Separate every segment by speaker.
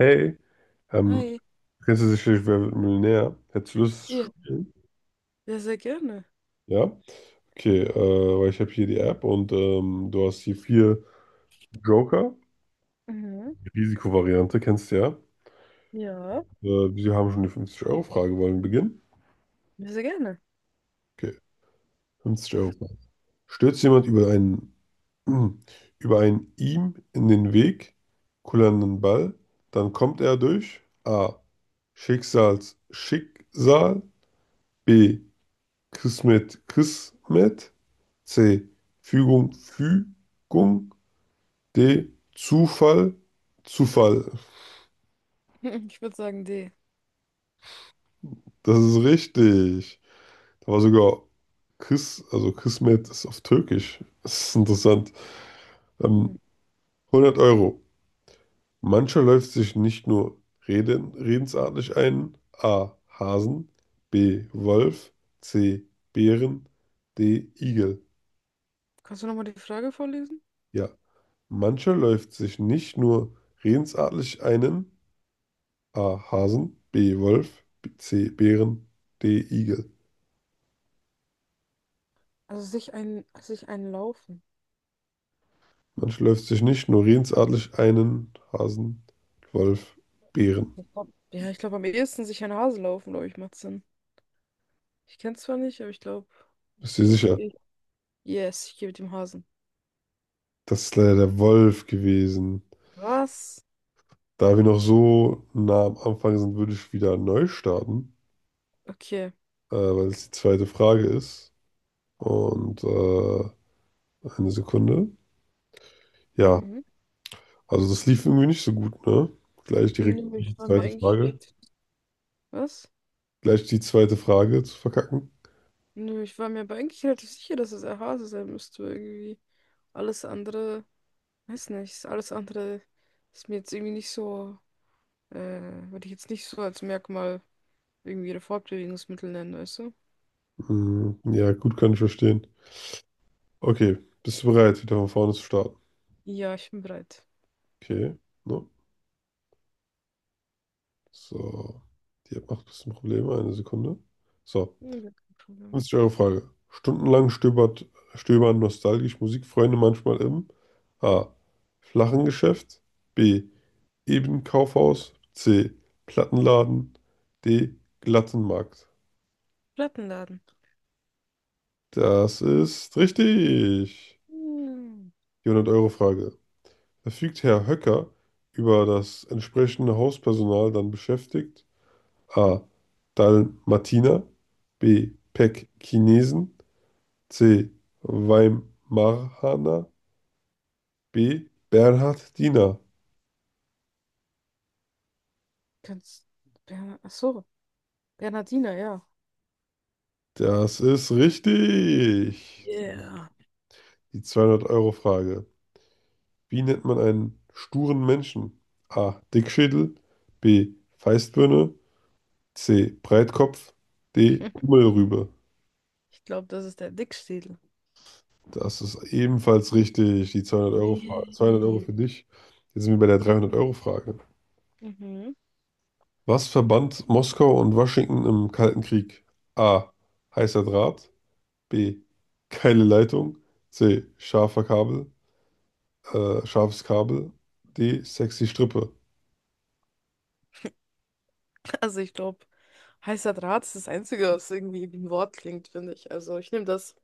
Speaker 1: Hey, ähm,
Speaker 2: Hi.
Speaker 1: kennst du sicherlich Wer wird Millionär? Hättest du Lust zu
Speaker 2: Ja.
Speaker 1: spielen?
Speaker 2: Ja, sehr gerne.
Speaker 1: Ja? Okay, weil ich habe hier die App und du hast hier vier Joker.
Speaker 2: Mhm.
Speaker 1: Die Risikovariante kennst du ja.
Speaker 2: Ja,
Speaker 1: Wir haben schon die 50-Euro-Frage. Wollen wir beginnen?
Speaker 2: ja, sehr gerne.
Speaker 1: Okay, 50-Euro-Frage. Stürzt jemand über einen, über einen ihm in den Weg kullernden Ball, dann kommt er durch A. Schicksals Schicksal, B. Kismet Kismet, C. Fügung, Fügung, D. Zufall, Zufall.
Speaker 2: Ich würde sagen, D.
Speaker 1: Das ist richtig. Da war sogar also Kismet ist auf Türkisch. Das ist interessant.
Speaker 2: Hm.
Speaker 1: Ähm, 100 Euro. Mancher läuft sich nicht nur redensartlich ein. A. Hasen, B. Wolf, C. Bären, D. Igel.
Speaker 2: Kannst du nochmal die Frage vorlesen?
Speaker 1: Ja. Mancher läuft sich nicht nur redensartlich einen. A. Hasen, B. Wolf, C. Bären, D. Igel.
Speaker 2: Also sich ein Laufen.
Speaker 1: Man schläft sich nicht nur redensartlich einen Hasen, Wolf, Bären.
Speaker 2: Ich glaube am ehesten sich ein Hase laufen, glaube ich, macht Sinn. Ich kenne zwar nicht, aber ich glaube,
Speaker 1: Bist du dir
Speaker 2: doch, ich
Speaker 1: sicher?
Speaker 2: gehe. Yes, ich gehe mit dem Hasen.
Speaker 1: Das ist leider der Wolf gewesen.
Speaker 2: Was?
Speaker 1: Da wir noch so nah am Anfang sind, würde ich wieder neu starten,
Speaker 2: Okay.
Speaker 1: weil es die zweite Frage ist. Und eine Sekunde. Ja,
Speaker 2: Mhm.
Speaker 1: also das lief irgendwie nicht so gut, ne? Gleich direkt
Speaker 2: Nö,
Speaker 1: die
Speaker 2: ich war mir
Speaker 1: zweite
Speaker 2: eigentlich
Speaker 1: Frage.
Speaker 2: relativ. Was?
Speaker 1: Gleich die zweite Frage zu verkacken.
Speaker 2: Nö, ich war mir aber eigentlich relativ sicher, dass es ein Hase sein müsste, irgendwie. Alles andere. Weiß nicht, alles andere ist mir jetzt irgendwie nicht so, äh, würde ich jetzt nicht so als Merkmal irgendwie ihre Fortbewegungsmittel nennen, weißt du?
Speaker 1: Hm, ja, gut, kann ich verstehen. Okay, bist du bereit, wieder von vorne zu starten?
Speaker 2: Ja, ich bin bereit.
Speaker 1: Okay, no. So, die App macht ein bisschen Probleme, eine Sekunde. So,
Speaker 2: Ja, gar kein Problem.
Speaker 1: 50 Euro Frage. Stundenlang stöbern nostalgisch Musikfreunde manchmal im A. Flachen Geschäft, B. Ebenkaufhaus, C. Plattenladen, D. Glatten Markt.
Speaker 2: Plattenladen.
Speaker 1: Das ist richtig.
Speaker 2: Hm,
Speaker 1: Die 100 Euro Frage. Verfügt Herr Höcker über das entsprechende Hauspersonal dann beschäftigt? A. Dalmatiner, B. Pekkinesen, C. Weimaraner, B. Bernhardiner.
Speaker 2: kannst, ach so, Bernhardiner, ja.
Speaker 1: Das ist richtig.
Speaker 2: Yeah.
Speaker 1: Die zweihundert Euro Frage. Wie nennt man einen sturen Menschen? A. Dickschädel, B. Feistbirne, C. Breitkopf, D. Kummelrübe.
Speaker 2: Ich glaube, das ist der Dickschädel.
Speaker 1: Das ist ebenfalls richtig. Die 200 Euro Frage. 200 Euro
Speaker 2: Yay.
Speaker 1: für dich. Jetzt sind wir bei der 300 Euro Frage.
Speaker 2: Mhm.
Speaker 1: Was verband Moskau und Washington im Kalten Krieg? A. Heißer Draht, B. Geile Leitung, C. Scharfer Kabel. Scharfes Kabel. D. Sexy Strippe.
Speaker 2: Also ich glaube, heißer Draht ist das Einzige, was irgendwie wie ein Wort klingt, finde ich. Also ich nehme das.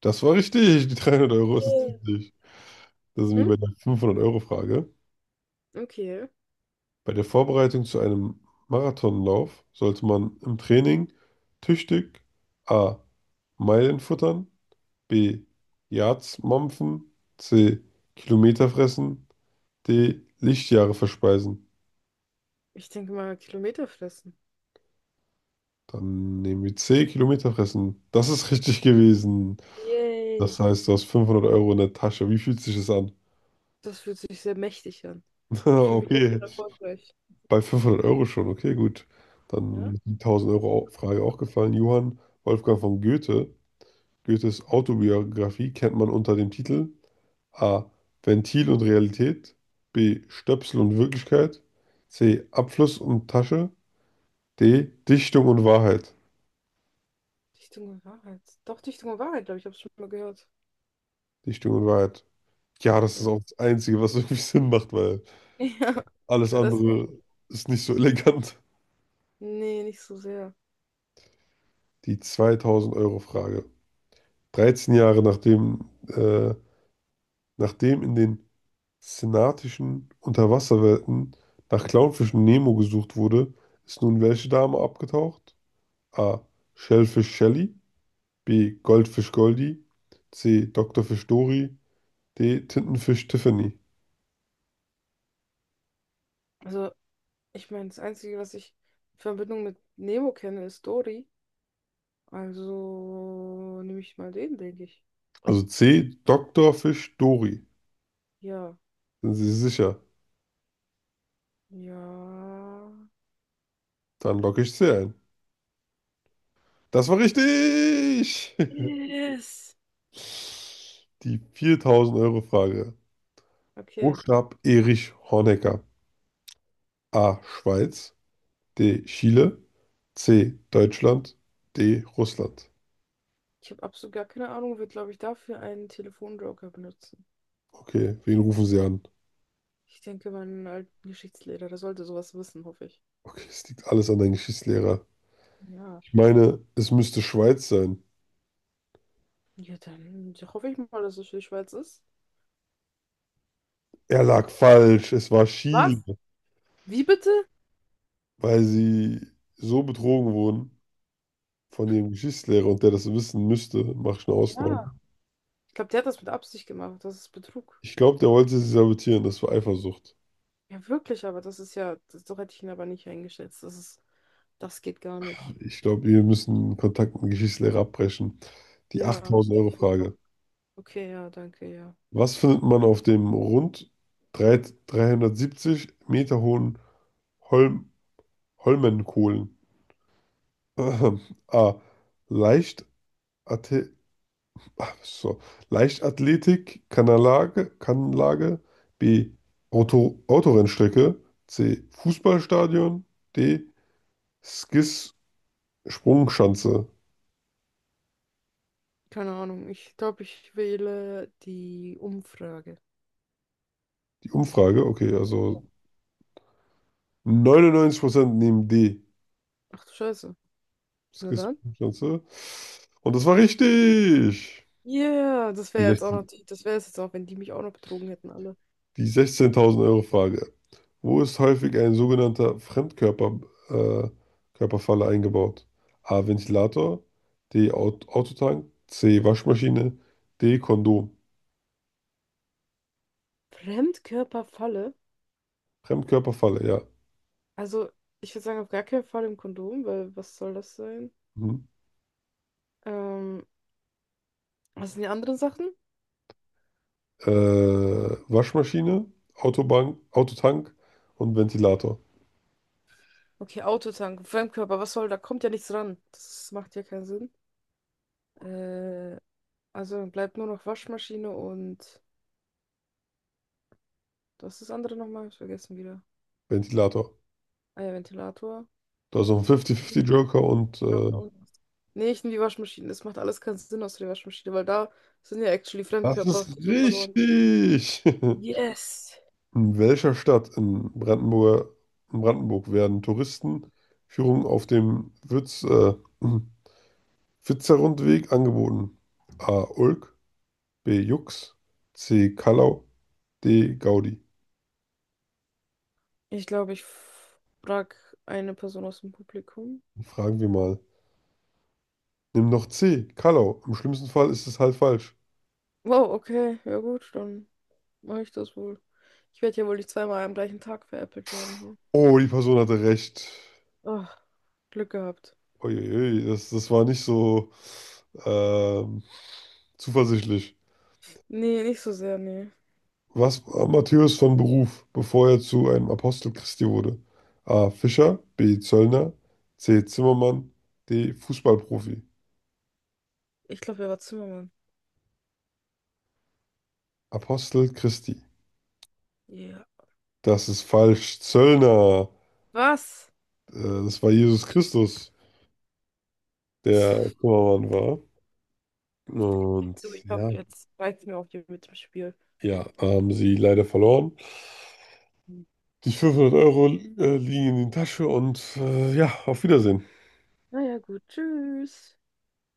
Speaker 1: Das war richtig. Die 300 Euro ist
Speaker 2: Yeah.
Speaker 1: richtig. Das sind wir
Speaker 2: Hm?
Speaker 1: bei der 500-Euro-Frage.
Speaker 2: Okay.
Speaker 1: Bei der Vorbereitung zu einem Marathonlauf sollte man im Training tüchtig A. Meilen futtern, B. Yards mampfen, C. Kilometer fressen, D. Lichtjahre verspeisen.
Speaker 2: Ich denke mal, Kilometer fressen.
Speaker 1: Dann nehmen wir C, Kilometer fressen. Das ist richtig gewesen.
Speaker 2: Yay.
Speaker 1: Das heißt, du hast 500 Euro in der Tasche. Wie fühlt sich das an?
Speaker 2: Das fühlt sich sehr mächtig an. Ich fühle mich jetzt
Speaker 1: Okay,
Speaker 2: schon erfolgreich.
Speaker 1: bei 500 Euro schon. Okay, gut.
Speaker 2: Ja?
Speaker 1: Dann ist die 1000 Euro Frage auch gefallen. Johann Wolfgang von Goethe. Goethes Autobiografie kennt man unter dem Titel A. Ventil und Realität, B. Stöpsel und Wirklichkeit, C. Abfluss und Tasche, D. Dichtung und Wahrheit.
Speaker 2: Dichtung und Wahrheit. Doch, Dichtung und Wahrheit, glaube ich, habe ich schon mal gehört.
Speaker 1: Dichtung und Wahrheit. Ja, das ist
Speaker 2: Ja.
Speaker 1: auch das Einzige, was irgendwie Sinn macht, weil
Speaker 2: Ja.
Speaker 1: alles
Speaker 2: Da Das auch
Speaker 1: andere
Speaker 2: schon.
Speaker 1: ist nicht so elegant.
Speaker 2: Nee, nicht so sehr.
Speaker 1: Die 2000-Euro-Frage. 13 Jahre nachdem in den senatischen Unterwasserwelten nach Clownfischen Nemo gesucht wurde, ist nun welche Dame abgetaucht? A. Shellfish Shelly, B. Goldfisch Goldie, C. Doktorfisch Dory, D. Tintenfisch Tiffany.
Speaker 2: Also, ich meine, das Einzige, was ich in Verbindung mit Nemo kenne, ist Dory. Also nehme ich mal den, denke ich.
Speaker 1: Also C. Doktorfisch Dory.
Speaker 2: Ja.
Speaker 1: Sind Sie sicher?
Speaker 2: Ja.
Speaker 1: Dann logge ich C ein. Das war richtig!
Speaker 2: Yes.
Speaker 1: Die 4000-Euro-Frage. Wo
Speaker 2: Okay.
Speaker 1: starb Erich Honecker? A. Schweiz, D. Chile, C. Deutschland, D. Russland.
Speaker 2: Ich habe absolut gar keine Ahnung, wird, glaube ich, dafür einen Telefonjoker benutzen.
Speaker 1: Okay, wen rufen Sie an?
Speaker 2: Ich denke, mein alten Geschichtslehrer, der sollte sowas wissen, hoffe ich.
Speaker 1: Okay, es liegt alles an deinem Geschichtslehrer.
Speaker 2: Ja.
Speaker 1: Ich meine, es müsste Schweiz sein.
Speaker 2: Ja, dann ja, hoffe ich mal, dass es für die Schweiz ist.
Speaker 1: Er lag falsch. Es war
Speaker 2: Was?
Speaker 1: Chile,
Speaker 2: Wie bitte?
Speaker 1: weil sie so betrogen wurden von ihrem Geschichtslehrer und der das wissen müsste, mache ich eine Ausnahme.
Speaker 2: Ja. Ich glaube, der hat das mit Absicht gemacht. Das ist Betrug.
Speaker 1: Ich glaube, der wollte sie sabotieren. Das war Eifersucht.
Speaker 2: Ja, wirklich, aber das ist ja, das, so hätte ich ihn aber nicht eingeschätzt. Das ist, das geht gar nicht.
Speaker 1: Ich glaube, wir müssen Kontakt mit dem Geschichtslehrer abbrechen. Die
Speaker 2: Ja, werde ich machen.
Speaker 1: 8000-Euro-Frage.
Speaker 2: Okay, ja, danke, ja.
Speaker 1: Was findet man auf dem rund 3, 370 Meter hohen Holm, Holmenkollen? Ahem. A. Leicht Athe- so. Leichtathletik, Kanlage. B. Autorennstrecke. C. Fußballstadion. D. Skis Sprungschanze.
Speaker 2: Keine Ahnung. Ich glaube, ich wähle die Umfrage.
Speaker 1: Die Umfrage, okay, also
Speaker 2: Ja.
Speaker 1: 99% nehmen D.
Speaker 2: Ach du Scheiße.
Speaker 1: Das
Speaker 2: Na
Speaker 1: kriegst
Speaker 2: dann.
Speaker 1: du ganz, ne? Und das war richtig.
Speaker 2: Ja, yeah, das
Speaker 1: Die
Speaker 2: wäre jetzt auch noch,
Speaker 1: 16.
Speaker 2: die- das wäre es jetzt auch, wenn die mich auch noch betrogen hätten, alle.
Speaker 1: Die 16.000 Euro Frage. Wo ist häufig ein sogenannter Fremdkörper, äh, Körperfalle eingebaut? A. Ventilator, D. Autotank, C. Waschmaschine, D. Kondom.
Speaker 2: Fremdkörperfalle?
Speaker 1: Fremdkörperfalle, ja.
Speaker 2: Also, ich würde sagen, auf gar keinen Fall im Kondom, weil was soll das sein?
Speaker 1: Mhm.
Speaker 2: Ähm, was sind die anderen Sachen?
Speaker 1: Äh, Waschmaschine, Autobank, Autotank und Ventilator.
Speaker 2: Okay, Autotank, Fremdkörper, was soll, da kommt ja nichts ran. Das macht ja keinen Sinn. Äh, also dann bleibt nur noch Waschmaschine und was ist das andere nochmal? Ich vergessen wieder.
Speaker 1: Ventilator.
Speaker 2: Ah ja, Ventilator.
Speaker 1: Da ist noch ein 50-50 Joker und
Speaker 2: Ja, auch noch. Nee, ich nehme die Waschmaschine. Das macht alles keinen Sinn außer der Waschmaschine, weil da sind ja actually
Speaker 1: das
Speaker 2: Fremdkörper,
Speaker 1: ist
Speaker 2: die so verloren.
Speaker 1: richtig.
Speaker 2: Yes!
Speaker 1: In welcher Stadt in in Brandenburg werden Touristenführungen auf dem Witserrundweg angeboten? A. Ulk, B. Jux, C. Kallau, D. Gaudi.
Speaker 2: Ich glaube, ich frage eine Person aus dem Publikum.
Speaker 1: Fragen wir mal. Nimm doch C. Kallau. Im schlimmsten Fall ist es halt falsch.
Speaker 2: Wow, okay, ja gut, dann mache ich das wohl. Ich werde ja wohl nicht zweimal am gleichen Tag veräppelt werden hier.
Speaker 1: Oh, die Person hatte recht.
Speaker 2: Oh, Glück gehabt.
Speaker 1: Uiuiui, das war nicht so ähm, zuversichtlich.
Speaker 2: Nee, nicht so sehr, nee.
Speaker 1: Was war Matthäus von Beruf, bevor er zu einem Apostel Christi wurde? A. Fischer, B. Zöllner, C. Zimmermann, D. Fußballprofi.
Speaker 2: Ich glaube, er war Zimmermann.
Speaker 1: Apostel Christi.
Speaker 2: Ja.
Speaker 1: Das ist falsch. Zöllner.
Speaker 2: Was?
Speaker 1: Äh, Das war Jesus Christus, der Zimmermann war. Und
Speaker 2: Du, ich glaube,
Speaker 1: ja,
Speaker 2: jetzt reizt mir auch hier mit dem Spiel.
Speaker 1: ja, haben sie leider verloren.
Speaker 2: Hm.
Speaker 1: Die 500 Euro liegen in die Tasche und ja, auf Wiedersehen.
Speaker 2: Naja, gut, tschüss.